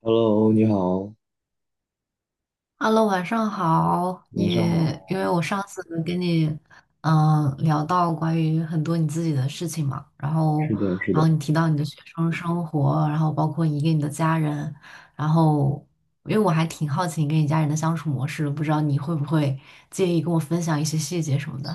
Hello，你好。Hello，晚上好。你晚上因好，为我上次跟你聊到关于很多你自己的事情嘛，然后是的，是然后的。你提到你的学生生活，然后包括你跟你的家人，然后因为我还挺好奇你跟你家人的相处模式的，不知道你会不会介意跟我分享一些细节什么的？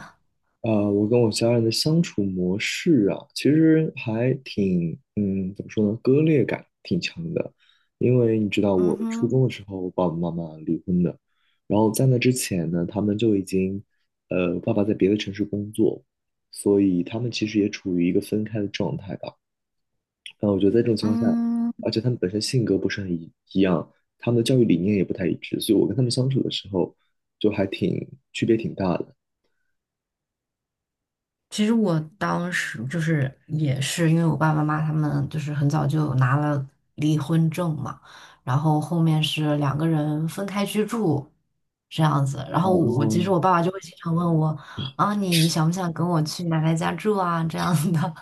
啊、我跟我家人的相处模式啊，其实还挺，怎么说呢，割裂感挺强的。因为你知道，嗯我初哼，中的时候，我爸爸妈妈离婚的，然后在那之前呢，他们就已经，爸爸在别的城市工作，所以他们其实也处于一个分开的状态吧。但我觉得在这种情况下，嗯。而且他们本身性格不是很一样，他们的教育理念也不太一致，所以我跟他们相处的时候就还挺区别挺大的。其实我当时就是也是因为我爸爸妈妈他们就是很早就拿了离婚证嘛，然后后面是两个人分开居住这样子，然后我其实哦，我爸爸就会经常问我啊，你想不想跟我去奶奶家住啊这样的，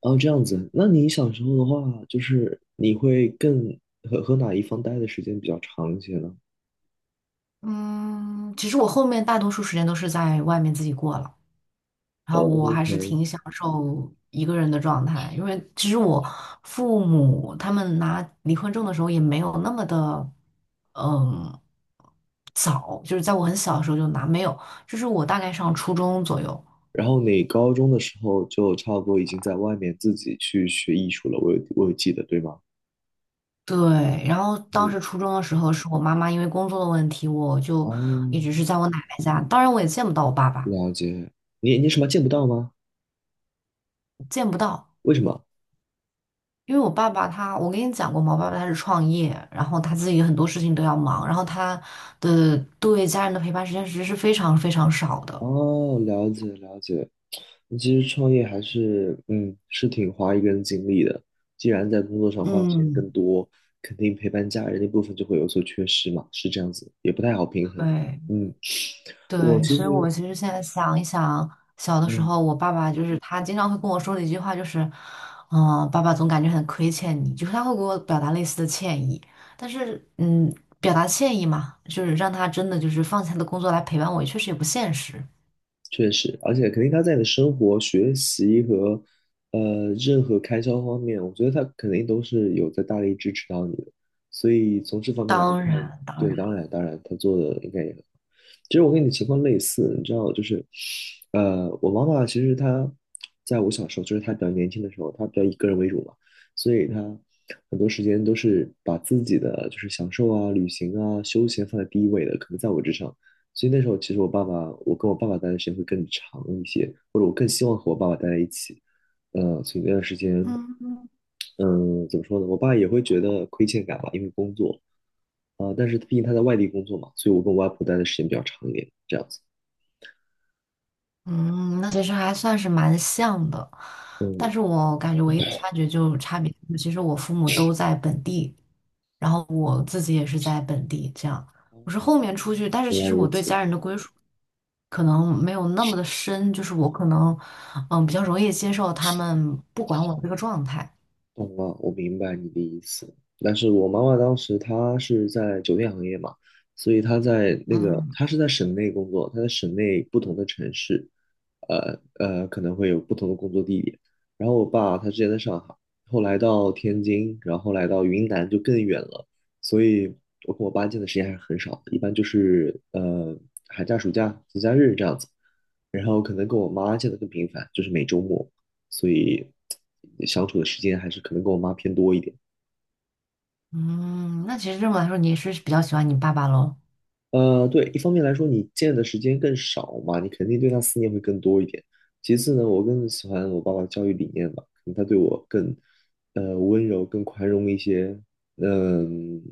哦，这样子。那你小时候的话，就是你会更和哪一方待的时间比较长一些呢？嗯，其实我后面大多数时间都是在外面自己过了。然后哦我还是，OK。挺享受一个人的状态，因为其实我父母他们拿离婚证的时候也没有那么的，嗯，早，就是在我很小的时候就拿，没有，就是我大概上初中左右。然后你高中的时候就差不多已经在外面自己去学艺术了，我有记得，对吗？对，然后当嗯，时初中的时候，是我妈妈因为工作的问题，我就一哦，直是在我奶奶家，当然我也见不到我爸爸，了解。你什么见不到吗？见不到。为什么？因为我爸爸他，我跟你讲过嘛，我爸爸他是创业，然后他自己很多事情都要忙，然后他的对家人的陪伴时间其实是非常非常少的。哦，了解了解。其实创业还是，是挺花一个人精力的。既然在工作上花的时间更嗯，多，肯定陪伴家人那部分就会有所缺失嘛，是这样子，也不太好平衡。对嗯，我对，其所以我实，其实现在想一想，小的时嗯，候我爸爸就是他经常会跟我说的一句话就是，爸爸总感觉很亏欠你，就是他会给我表达类似的歉意，但是表达歉意嘛，就是让他真的就是放下他的工作来陪伴我，也确实也不现实。确实，而且肯定他在你的生活、学习和任何开销方面，我觉得他肯定都是有在大力支持到你的。所以从这方面来当看，然，当对，然，当然当然，他做的应该也很好。其实我跟你的情况类似，你知道，就是我妈妈其实她在我小时候，就是她比较年轻的时候，她比较以个人为主嘛，所以她很多时间都是把自己的就是享受啊、旅行啊、休闲放在第一位的，可能在我之上。所以那时候其实我爸爸，我跟我爸爸待的时间会更长一些，或者我更希望和我爸爸待在一起。所以那段时间，嗯。嗯、怎么说呢？我爸也会觉得亏欠感吧，因为工作啊、但是毕竟他在外地工作嘛，所以我跟我外婆待的时间比较长一点，这样子。嗯，那其实还算是蛮像的，但嗯，是我感觉唯一的差距就差别，其实我父母都在本地，然后我自己也是在本地，这样我是后面出去，但是原其来实如我对此。家人的归属可能没有那么的深，就是我可能比较容易接受他们不管我这个状态，懂哦，我明白你的意思。但是我妈妈当时她是在酒店行业嘛，所以嗯她是在省内工作，她在省内不同的城市，可能会有不同的工作地点。然后我爸他之前在上海，后来到天津，然后来到云南就更远了，所以我跟我爸见的时间还是很少的，一般就是寒假、暑假、节假日这样子。然后可能跟我妈见的更频繁，就是每周末。所以相处的时间还是可能跟我妈偏多一点。嗯，那其实这么来说，你也是比较喜欢你爸爸喽？对，一方面来说，你见的时间更少嘛，你肯定对他思念会更多一点。其次呢，我更喜欢我爸爸的教育理念吧，可能他对我更温柔、更宽容一些。嗯，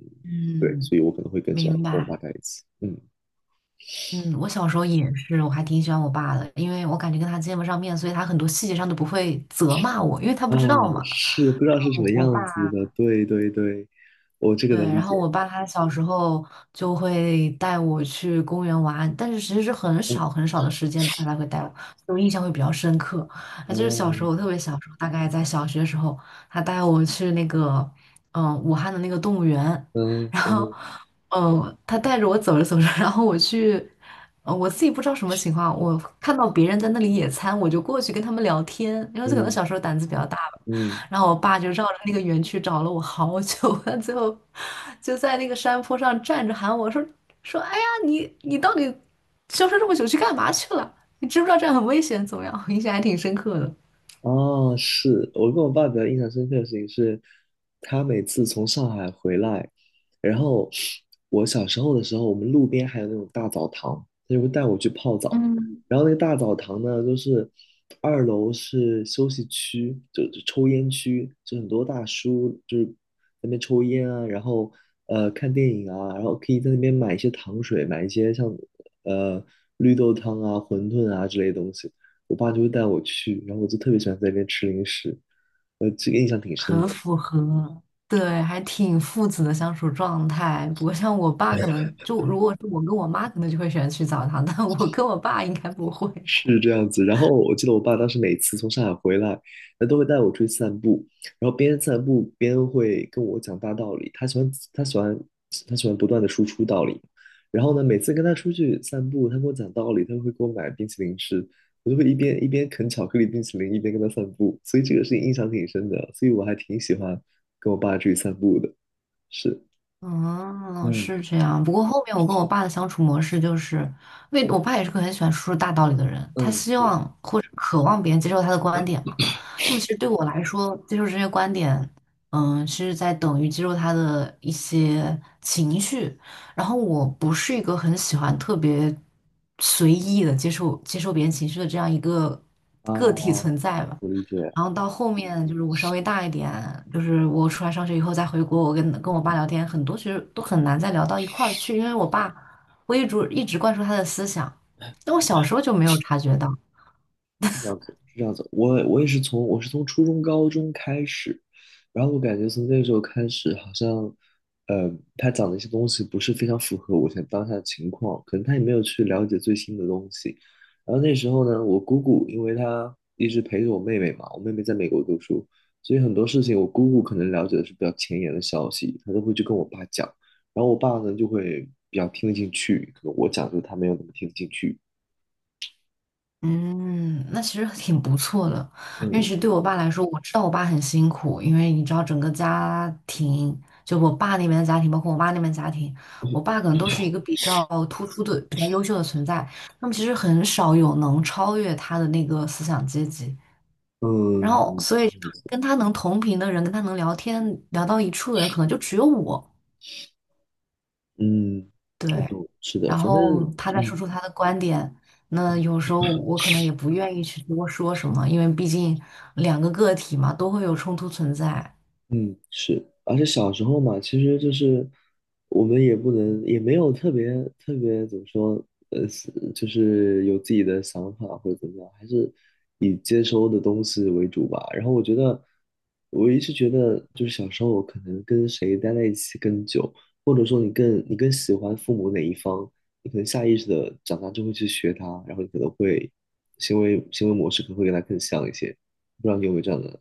对，嗯，所以我可能会更喜欢明跟我爸白。在一起。嗯，嗯，我小时候也是，我还挺喜欢我爸的，因为我感觉跟他见不上面，所以他很多细节上都不会责骂我，因为他啊，不知道嘛。是不知道是什我么我爸。样子的，对对对，我这个对，能理然解。后我爸他小时候就会带我去公园玩，但是其实是很少很少的时间，他才会带我，所以我印象会比较深刻。啊，啊，就是小时候，我特嗯别小时候，大概在小学的时候，他带我去那个，嗯，武汉的那个动物园，然后，嗯嗯，他带着我走着走着，然后我去，我自己不知道什么情况，我看到别人在那里野餐，我就过去跟他们聊天，因为可能嗯小时候胆子比较大吧。嗯，然后我爸就绕着那个园区找了我好久，他最后就在那个山坡上站着喊我说，哎呀，你你到底消失这么久去干嘛去了？你知不知道这样很危险？怎么样？我印象还挺深刻的，哦，是我跟我爸比较印象深刻的事情是，他每次从上海回来，然后我小时候的时候，我们路边还有那种大澡堂，他就会带我去泡澡。嗯，然后那个大澡堂呢，就是二楼是休息区，就抽烟区，就很多大叔就是在那边抽烟啊，然后看电影啊，然后可以在那边买一些糖水，买一些像呃绿豆汤啊、馄饨啊之类的东西。我爸就会带我去，然后我就特别喜欢在那边吃零食，这个印象挺深很的，符合，对，还挺父子的相处状态。不过像我爸可能就如果是我跟我妈，可能就会喜欢去澡堂，但我跟我爸应该不会。是这样子。然后我记得我爸当时每次从上海回来，他都会带我出去散步，然后边散步边会跟我讲大道理，他喜欢不断的输出道理。然后呢，每次跟他出去散步，他跟我讲道理，他会给我买冰淇淋吃，我就会一边啃巧克力冰淇淋，一边跟他散步，所以这个是印象挺深的，所以我还挺喜欢跟我爸出去散步的，是，嗯，嗯是这样。不过后面我跟我爸的相处模式就是，因为我爸也是个很喜欢说出大道理的人，他嗯，希是。望或者渴望别人接受他的观点嘛。那么其实对我来说，接受这些观点，嗯，是在等于接受他的一些情绪。然后我不是一个很喜欢特别随意的接受别人情绪的这样一个啊，个体存在吧。我理解，然后到后面就是我稍微大一点，就是我出来上学以后再回国，我跟我爸聊天，很多其实都很难再聊到一块儿去，因为我爸我一直灌输他的思想，但我小时候就没有察觉到。是这样子，是这样子。我是从初中、高中开始，然后我感觉从那个时候开始，好像，呃，他讲的一些东西不是非常符合我现在当下的情况，可能他也没有去了解最新的东西。然后那时候呢，我姑姑因为她一直陪着我妹妹嘛，我妹妹在美国读书，所以很多事情我姑姑可能了解的是比较前沿的消息，她都会去跟我爸讲，然后我爸呢就会比较听得进去，可能我讲就他没有那么听得进去。嗯，那其实挺不错的，因为其嗯，实对我爸来说，我知道我爸很辛苦，因为你知道整个家庭，就我爸那边的家庭，包括我妈那边的家庭，我爸可能都是一个比较突出的、比较优秀的存在，那么其实很少有能超越他的那个思想阶级。然嗯，后嗯，所以跟他能同频的人，跟他能聊天聊到一处的人，可能就只有我。嗯我对，懂，是的，然反正后他再嗯，说出他的观点，那有时候我可能也不愿意去多说什么，因为毕竟两个个体嘛，都会有冲突存在。嗯，是，而且小时候嘛，其实就是我们也不能，也没有特别怎么说，是就是有自己的想法或者怎么样，还是以接收的东西为主吧。然后我一直觉得，就是小时候我可能跟谁待在一起更久，或者说你更喜欢父母哪一方，你可能下意识的长大就会去学他，然后你可能会行为模式可能会跟他更像一些。不知道你有没有这样的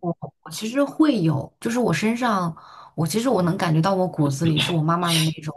我我其实会有，就是我身上，我其实能感觉到我骨子里是我妈妈的那种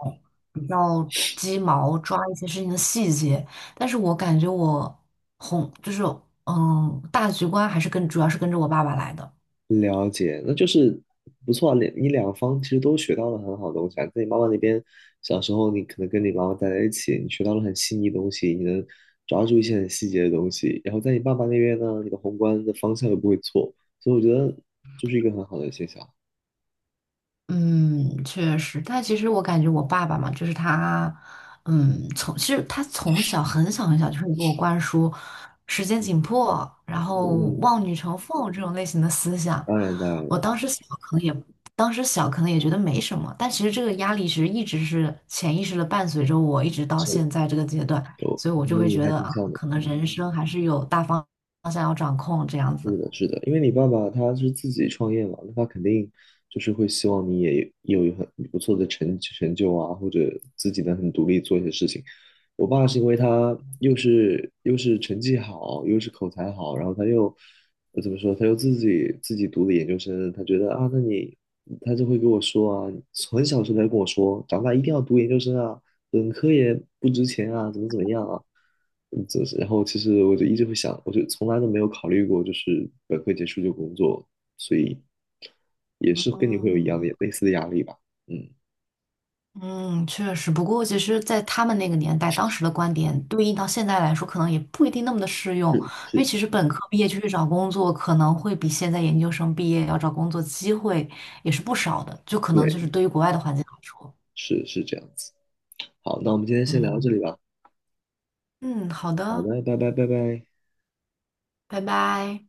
比较鸡毛，抓一些事情的细节，但是我感觉我红就是大局观还是跟主要是跟着我爸爸来的，了解，那就是不错啊，你两方其实都学到了很好的东西啊。在你妈妈那边，小时候你可能跟你妈妈待在一起，你学到了很细腻的东西，你能抓住一些很细节的东西。然后在你爸爸那边呢，你的宏观的方向又不会错，所以我觉得就是一个很好的现象。嗯，确实，但其实我感觉我爸爸嘛，就是他，其实他从小很小很小就会给我灌输时间嗯紧迫，然嗯后嗯，望女成凤这种类型的思想。当然当然我了，当时小可能也，当时小可能也觉得没什么，但其实这个压力其实一直是潜意识的伴随着我，一直到是现在这个阶段，有所以我就和会你觉还得挺啊，像的。可能人生还是有大方向要掌控这样是子。的，是的，因为你爸爸他是自己创业嘛，那他肯定就是会希望你也有一很不错的成就啊，或者自己能很独立做一些事情。我爸是因为他又是成绩好，又是口才好，然后他又怎么说，他又自己读的研究生，他觉得啊，他就会跟我说啊，很小的时候他就跟我说，长大一定要读研究生啊，本科也不值钱啊，怎么怎么样啊，嗯，就是然后其实我就一直会想，我就从来都没有考虑过，就是本科结束就工作，所以也是跟你会有一样的嗯类似的压力吧，嗯，嗯，确实。不过其实，在他们那个年代，当时的观点对应到现在来说，可能也不一定那么的适用，因为是，其实本科毕业就去找工作，可能会比现在研究生毕业要找工作机会也是不少的，就可能就是对，对于国外的环境来说，是是这样子。好，那我们今天先聊到这嗯。里吧。嗯，好好的，的，拜拜拜拜。拜拜。